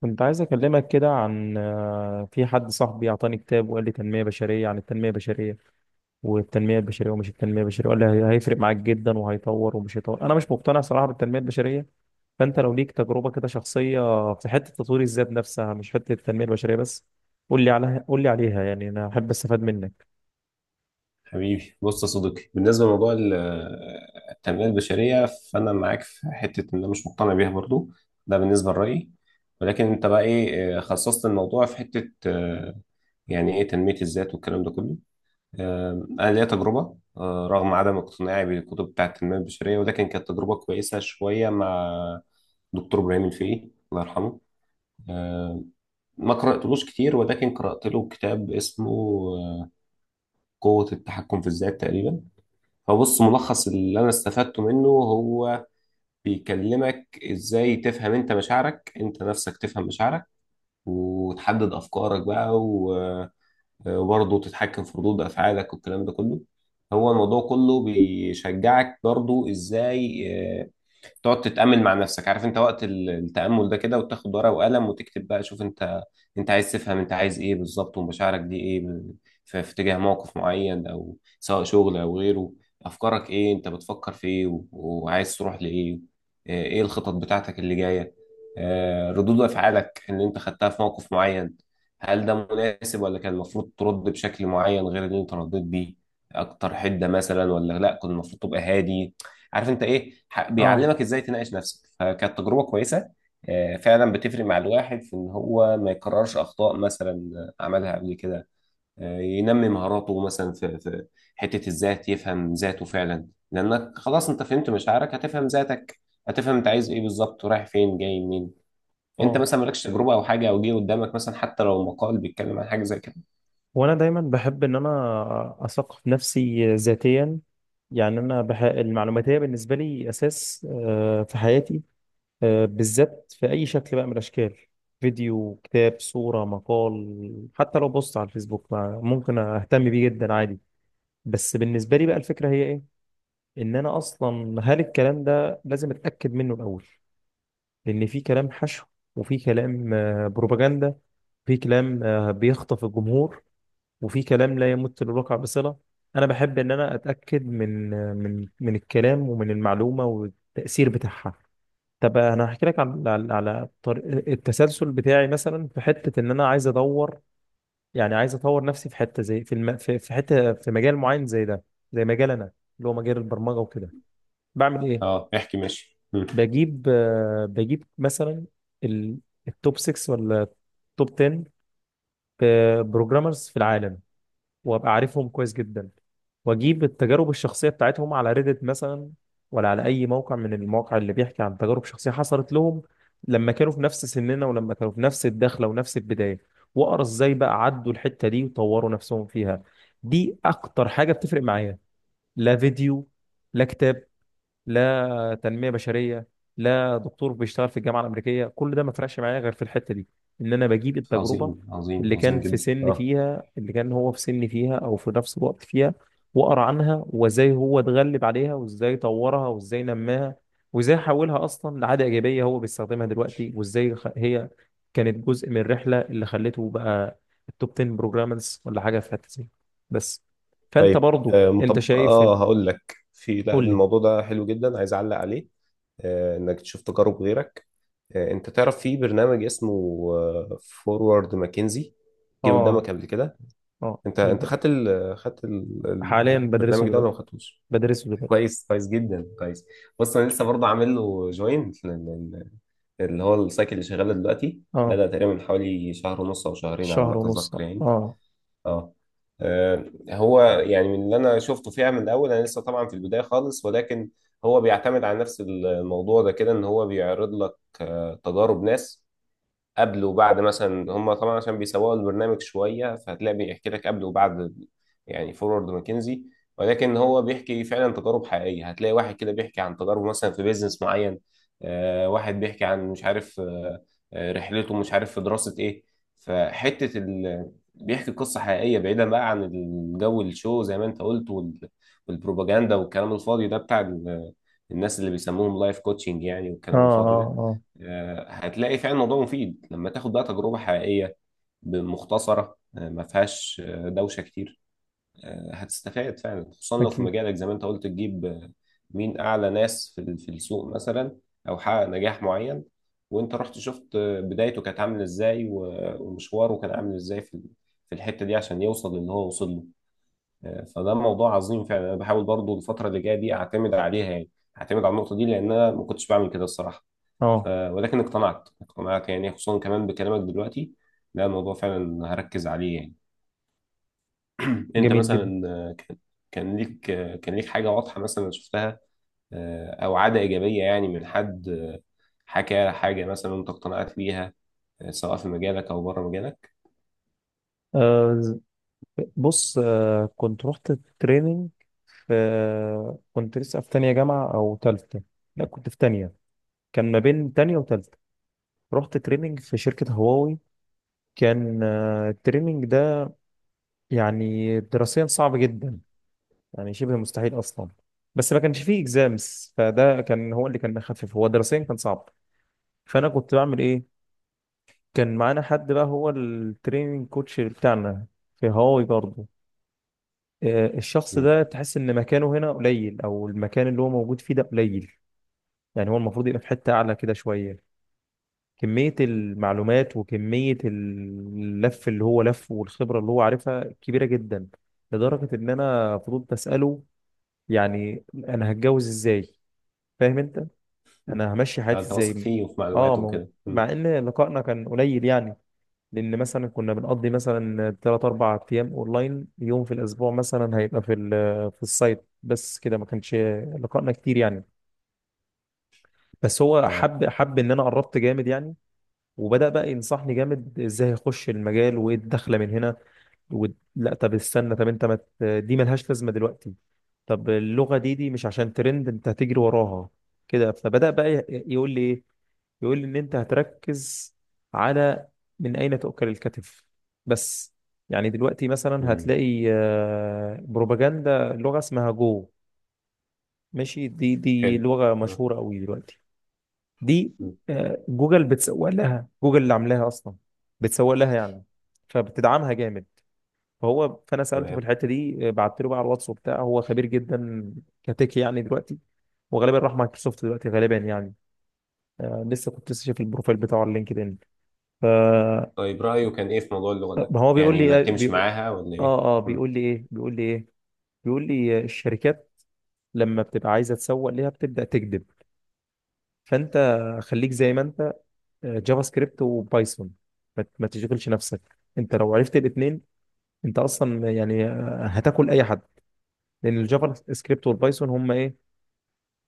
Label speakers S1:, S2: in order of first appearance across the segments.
S1: كنت عايز أكلمك كده عن في حد صاحبي أعطاني كتاب وقال لي تنمية بشرية عن التنمية البشرية والتنمية البشرية ومش التنمية البشرية، وقال لي هيفرق معاك جدا وهيطور ومش هيطور. أنا مش مقتنع صراحة بالتنمية البشرية، فأنت لو ليك تجربة كده شخصية في حتة تطوير الذات نفسها، مش حتة التنمية البشرية بس، قول لي عليها. يعني أنا أحب أستفاد منك.
S2: حبيبي، بص يا صديقي. بالنسبه لموضوع التنميه البشريه، فانا معاك في حته ان انا مش مقتنع بيها برضو. ده بالنسبه لرايي. ولكن انت بقى ايه، خصصت الموضوع في حته، يعني ايه تنميه الذات والكلام ده كله. آه، انا ليا تجربه، رغم عدم اقتناعي بالكتب بتاعه التنميه البشريه، ولكن كانت تجربه كويسه شويه مع دكتور ابراهيم الفقي، الله يرحمه. آه، ما قراتلوش كتير، ولكن قرات له كتاب اسمه، آه، قوه التحكم في الذات تقريبا. فبص، ملخص اللي انا استفدته منه هو بيكلمك ازاي تفهم انت مشاعرك، انت نفسك تفهم مشاعرك، وتحدد افكارك بقى وبرضه تتحكم في ردود افعالك والكلام ده كله. هو الموضوع كله بيشجعك برضه ازاي، آه، تقعد تتأمل مع نفسك. عارف انت وقت التأمل ده كده، وتاخد ورقة وقلم وتكتب بقى، شوف انت انت عايز تفهم انت عايز ايه بالظبط، ومشاعرك دي ايه في اتجاه موقف معين، او سواء شغل او غيره. افكارك ايه، انت بتفكر في ايه وعايز تروح لايه. اه، ايه الخطط بتاعتك اللي جاية. اه، ردود افعالك اللي انت خدتها في موقف معين، هل ده مناسب، ولا كان المفروض ترد بشكل معين غير اللي انت رديت بيه، اكتر حدة مثلا، ولا لا كنت المفروض تبقى هادي. عارف انت ايه،
S1: أه،
S2: بيعلمك ازاي تناقش نفسك. فكانت تجربه كويسه. فعلا بتفرق مع الواحد في ان هو ما يكررش اخطاء مثلا، عملها قبل كده. ينمي مهاراته مثلا في حته الذات، يفهم ذاته فعلا، لانك خلاص انت فهمت مشاعرك، هتفهم ذاتك، هتفهم انت عايز ايه بالظبط، ورايح فين جاي منين. انت
S1: أه.
S2: مثلا مالكش تجربه او حاجه، او جه قدامك مثلا حتى لو مقال بيتكلم عن حاجه زي كده.
S1: وأنا دايما بحب إن أنا أثقف نفسي ذاتيا. يعني انا المعلوماتيه بالنسبه لي اساس في حياتي، بالذات في أي شكل بقى من الأشكال: فيديو، كتاب، صورة، مقال، حتى لو بوست على الفيسبوك، ممكن أهتم بيه جدا عادي. بس بالنسبة لي بقى الفكرة هي إيه؟ إن أنا أصلا هل الكلام ده لازم أتأكد منه الأول؟ لأن في كلام حشو، وفي كلام بروباجندا، في كلام بيخطف الجمهور، وفي كلام لا يمت للواقع بصلة. أنا بحب إن أنا أتأكد من آه، من من الكلام ومن المعلومة والتأثير بتاعها. طب انا هحكي لك على طريق التسلسل بتاعي، مثلا في حته ان انا عايز ادور، يعني عايز اطور نفسي في حته زي في في حته في مجال معين زي ده، زي مجال انا اللي هو مجال البرمجه وكده. بعمل ايه؟
S2: اه، احكي ماشي. مم.
S1: بجيب بجيب مثلا ال... التوب 6 ولا التوب 10 بروجرامرز في العالم، وابقى عارفهم كويس جدا، واجيب التجارب الشخصيه بتاعتهم على ريدت مثلا، ولا على اي موقع من المواقع اللي بيحكي عن تجارب شخصيه حصلت لهم لما كانوا في نفس سننا ولما كانوا في نفس الدخله ونفس البدايه، واقرا ازاي بقى عدوا الحته دي وطوروا نفسهم فيها. دي اكتر حاجه بتفرق معايا. لا فيديو، لا كتاب، لا تنميه بشريه، لا دكتور بيشتغل في الجامعه الامريكيه، كل ده ما فرقش معايا غير في الحته دي، ان انا بجيب التجربه
S2: عظيم، عظيم،
S1: اللي كان
S2: عظيم
S1: في
S2: جدا.
S1: سن
S2: اه.
S1: فيها، اللي كان هو في سن فيها او في نفس الوقت فيها، واقرا عنها وازاي هو اتغلب عليها وازاي طورها وازاي نماها وازاي حولها اصلا لعاده ايجابيه هو بيستخدمها دلوقتي، وازاي هي كانت جزء من الرحله اللي خلته بقى التوب 10 بروجرامرز ولا حاجه في حته زي. بس فانت
S2: طيب،
S1: برضو انت شايف؟
S2: اه هقول لك. في، لا،
S1: قول لي.
S2: الموضوع ده حلو جدا، عايز اعلق عليه. آه، انك تشوف تجارب غيرك. آه، انت تعرف في برنامج اسمه فورورد ماكنزي؟ جه
S1: اه،
S2: قدامك قبل كده؟
S1: اه.
S2: انت
S1: حاليا بدرسه
S2: البرنامج ده ولا
S1: دلوقتي،
S2: ما خدتوش؟
S1: بدرسه دلوقتي.
S2: كويس، كويس جدا، كويس. بص، انا لسه برضه عامل له جوين. اللي هو السايكل اللي شغال دلوقتي
S1: اه،
S2: بدأ تقريبا من حوالي شهر ونص او شهرين على
S1: شهر
S2: ما
S1: ونص،
S2: اتذكر
S1: اه،
S2: يعني.
S1: اه،
S2: اه. آه، هو يعني من اللي انا شفته فيها من الاول، انا لسه طبعا في البدايه خالص، ولكن هو بيعتمد على نفس الموضوع ده كده، ان هو بيعرض لك تجارب ناس قبل وبعد مثلا. هم طبعا عشان بيسوقوا البرنامج شويه، فهتلاقي بيحكي لك قبل وبعد يعني فورورد ماكنزي، ولكن هو بيحكي فعلا تجارب حقيقيه. هتلاقي واحد كده بيحكي عن تجاربه مثلا في بيزنس معين، واحد بيحكي عن مش عارف، رحلته مش عارف في دراسه ايه. بيحكي قصه حقيقيه، بعيدا بقى عن الجو الشو زي ما انت قلت والبروباجندا والكلام الفاضي ده بتاع الناس اللي بيسموهم لايف كوتشنج يعني،
S1: اه،
S2: والكلام الفاضي ده.
S1: اه.
S2: هتلاقي فعلا الموضوع مفيد لما تاخد بقى تجربة حقيقية مختصرة، ما فيهاش دوشة كتير. هتستفاد فعلا، خصوصا لو في
S1: اكيد.
S2: مجالك زي ما انت قلت، تجيب آه، مين أعلى ناس في في السوق مثلا، أو حقق نجاح معين، وانت رحت شفت آه، بدايته كانت عاملة ازاي ومشواره كان عامل ازاي في في الحتة دي عشان يوصل اللي هو وصل له. فده موضوع عظيم فعلا. انا بحاول برضو الفتره اللي جايه دي اعتمد عليها يعني، اعتمد على النقطه دي، لان انا ما كنتش بعمل كده الصراحه.
S1: اه،
S2: ولكن اقتنعت، اقتنعت يعني، خصوصا كمان بكلامك دلوقتي. لا، الموضوع فعلا هركز عليه يعني. انت
S1: جميل جدا.
S2: مثلا، كان كان ليك آه، كان ليك حاجه واضحه مثلا شفتها، او عاده ايجابيه يعني، من حد حكى حاجه مثلا انت اقتنعت بيها، سواء في مجالك او بره مجالك؟
S1: آه ز- بص، كنت رحت تريننج في، كنت لسه في تانية جامعة او تالتة، لا كنت في تانية، كان ما بين تانية وتالتة. رحت تريننج في شركة هواوي. كان التريننج ده يعني دراسيا صعب جدا، يعني شبه مستحيل اصلا، بس ما كانش فيه اكزامس، فده كان هو اللي كان مخفف، هو دراسيا كان صعب. فانا كنت بعمل ايه؟ كان معانا حد بقى، هو التريننج كوتش بتاعنا في هواوي برضه. الشخص
S2: مم.
S1: ده تحس ان مكانه هنا قليل، او المكان اللي هو موجود فيه ده قليل. يعني هو المفروض يبقى في حتة اعلى كده شوية. كمية المعلومات وكمية اللف اللي هو لفه والخبرة اللي هو عارفها كبيرة جدا، لدرجة ان انا فضلت اسأله يعني انا هتجوز ازاي، فاهم انت، انا همشي حياتي
S2: فانت واثق
S1: ازاي.
S2: فيه وفي
S1: اه،
S2: معلوماته
S1: ما
S2: وكده. مم.
S1: مع ان لقائنا كان قليل يعني، لان مثلا كنا بنقضي مثلا 3 4 ايام اونلاين، يوم في الاسبوع مثلا هيبقى في في السايت بس كده، ما كانش لقائنا كتير يعني. بس هو
S2: اه.
S1: حب ان انا قربت جامد يعني، وبدأ بقى ينصحني جامد ازاي اخش المجال وايه الدخله من هنا، و... لا طب استنى، طب انت ما دي ملهاش لازمه دلوقتي، طب اللغه دي، دي مش عشان ترند انت هتجري وراها كده. فبدأ بقى يقول لي ايه؟ يقول لي ان انت هتركز على من اين تؤكل الكتف بس. يعني دلوقتي مثلا
S2: مم.
S1: هتلاقي بروباجندا لغة اسمها جو، ماشي. دي، دي
S2: حلو.
S1: لغة
S2: اه.
S1: مشهورة قوي دلوقتي، دي
S2: مم.
S1: جوجل بتسوق لها، جوجل اللي عاملاها اصلا بتسوق لها يعني، فبتدعمها جامد. فانا سالته في
S2: تمام.
S1: الحته دي بعت له بقى على الواتس وبتاع، هو خبير جدا كتك يعني دلوقتي، وغالبا راح مايكروسوفت دلوقتي غالبا يعني، لسه كنت لسه شايف البروفايل بتاعه على لينكدين.
S2: طيب، رأيه كان إيه في موضوع اللغة ده؟
S1: طب هو بيقول
S2: يعني إنك
S1: لي،
S2: تمشي
S1: بيقول،
S2: معاها ولا إيه؟
S1: اه، اه،
S2: مم.
S1: بيقول لي ايه؟ بيقول لي الشركات لما بتبقى عايزه تسوق ليها بتبدا تكذب، فانت خليك زي ما انت. جافا سكريبت وبايثون، ما تشغلش نفسك، انت لو عرفت الاثنين انت اصلا يعني هتاكل اي حد، لان الجافا سكريبت والبايثون هم ايه؟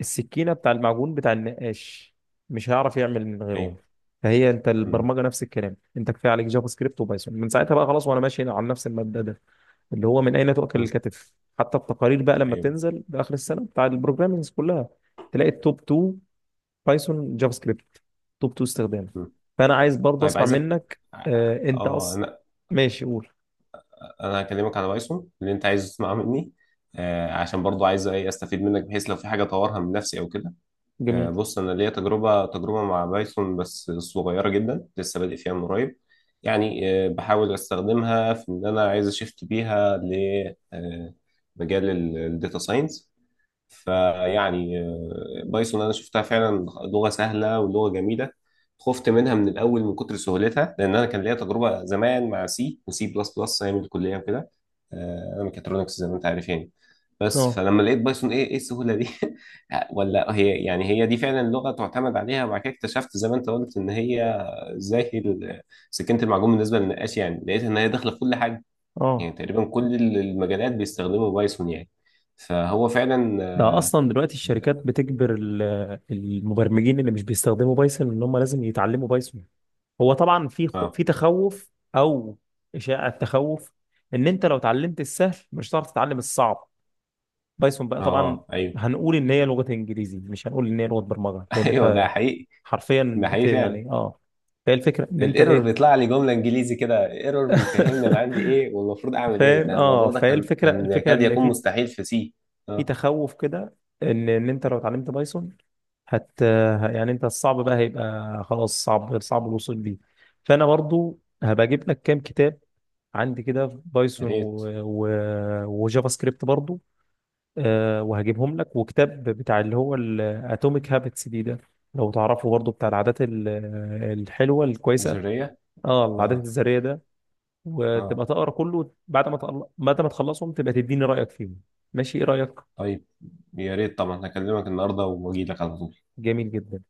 S1: السكينه بتاع المعجون بتاع النقاش، مش هيعرف يعمل من
S2: أيوه.
S1: غيرهم. فهي انت
S2: مم.
S1: البرمجه نفس الكلام، انت كفايه عليك جافا سكريبت وبايثون، من ساعتها بقى خلاص. وانا ماشي على نفس المبدا ده، اللي هو من اين تؤكل
S2: مم.
S1: الكتف. حتى التقارير بقى لما
S2: أيوه.
S1: بتنزل باخر السنه بتاع البروجرامينج كلها، تلاقي التوب 2 بايثون جافا سكريبت، توب 2 استخدام.
S2: مم.
S1: فانا عايز برضه
S2: طيب،
S1: اسمع
S2: عايزك
S1: منك. انت
S2: آه.
S1: اصلا،
S2: أنا،
S1: ماشي قول.
S2: أنا هكلمك على بايثون اللي أنت عايز تسمعه مني. آه، عشان برضو عايز إيه، أستفيد منك بحيث لو في حاجة أطورها من نفسي أو كده. آه،
S1: جميل.
S2: بص، أنا ليا تجربة مع بايثون، بس صغيرة جدا، لسه بادئ فيها من قريب يعني. آه، بحاول أستخدمها في إن أنا عايز أشفت بيها ل، آه، مجال الداتا ساينس. فيعني بايثون انا شفتها فعلا لغه سهله ولغه جميله. خفت منها من الاول من كتر سهولتها، لان انا كان ليا تجربه زمان مع سي وسي بلس بلس ايام الكليه وكده. انا ميكاترونكس زي ما انت عارف يعني. بس
S1: اه،
S2: فلما لقيت بايثون، ايه السهوله دي؟ ولا هي يعني، هي دي فعلا لغه تعتمد عليها. وبعد كده اكتشفت زي ما انت قلت ان هي زي سكينه المعجون بالنسبه للنقاش. يعني لقيت ان هي داخله في كل حاجه،
S1: اه،
S2: يعني تقريبا كل المجالات بيستخدموا بايثون يعني. فهو فعلا.
S1: ده اصلا دلوقتي الشركات بتجبر المبرمجين اللي مش بيستخدموا بايثون ان هم لازم يتعلموا بايثون. هو طبعا في
S2: اه.
S1: في تخوف او اشاعة تخوف ان انت لو اتعلمت السهل مش هتعرف تتعلم الصعب. بايثون بقى طبعا
S2: اه، ايوه.
S1: هنقول ان هي لغة انجليزي، مش هنقول ان هي لغة برمجة، لان
S2: ايوه،
S1: انت
S2: ده حقيقي.
S1: حرفيا
S2: ده
S1: بت
S2: حقيقي فعلا.
S1: يعني اه. فهي الفكرة ان انت
S2: الايرور
S1: ايه؟
S2: بيطلع لي جمله انجليزي كده، ايرور بيفهمني انا عندي ايه والمفروض اعمل ايه.
S1: فاهم؟
S2: ده
S1: اه.
S2: الموضوع ده
S1: فهي
S2: كان
S1: الفكرة،
S2: كان
S1: الفكرة
S2: يكاد
S1: ان
S2: يكون
S1: في،
S2: مستحيل في سي.
S1: في
S2: اه.
S1: تخوف كده ان انت لو اتعلمت بايثون حتى يعني، انت الصعب بقى هيبقى خلاص صعب، غير صعب الوصول ليه. فانا برضو هبقى اجيب لك كام كتاب عندي كده في
S2: يا
S1: بايثون
S2: ريت.
S1: وجافا سكريبت برضو. أه، وهجيبهم لك، وكتاب بتاع اللي هو الاتوميك هابتس دي ده، لو تعرفه برضو، بتاع العادات الحلوة الكويسة.
S2: ذريه.
S1: اه، العادات
S2: اه.
S1: الذرية ده،
S2: اه.
S1: وتبقى تقرا كله بعد ما بعد ما تخلصهم تبقى تديني رأيك فيهم. ماشي؟ ايه رأيك؟
S2: طيب، يا ريت طبعا. هكلمك النهارده واجي لك على طول.
S1: جميل جدا.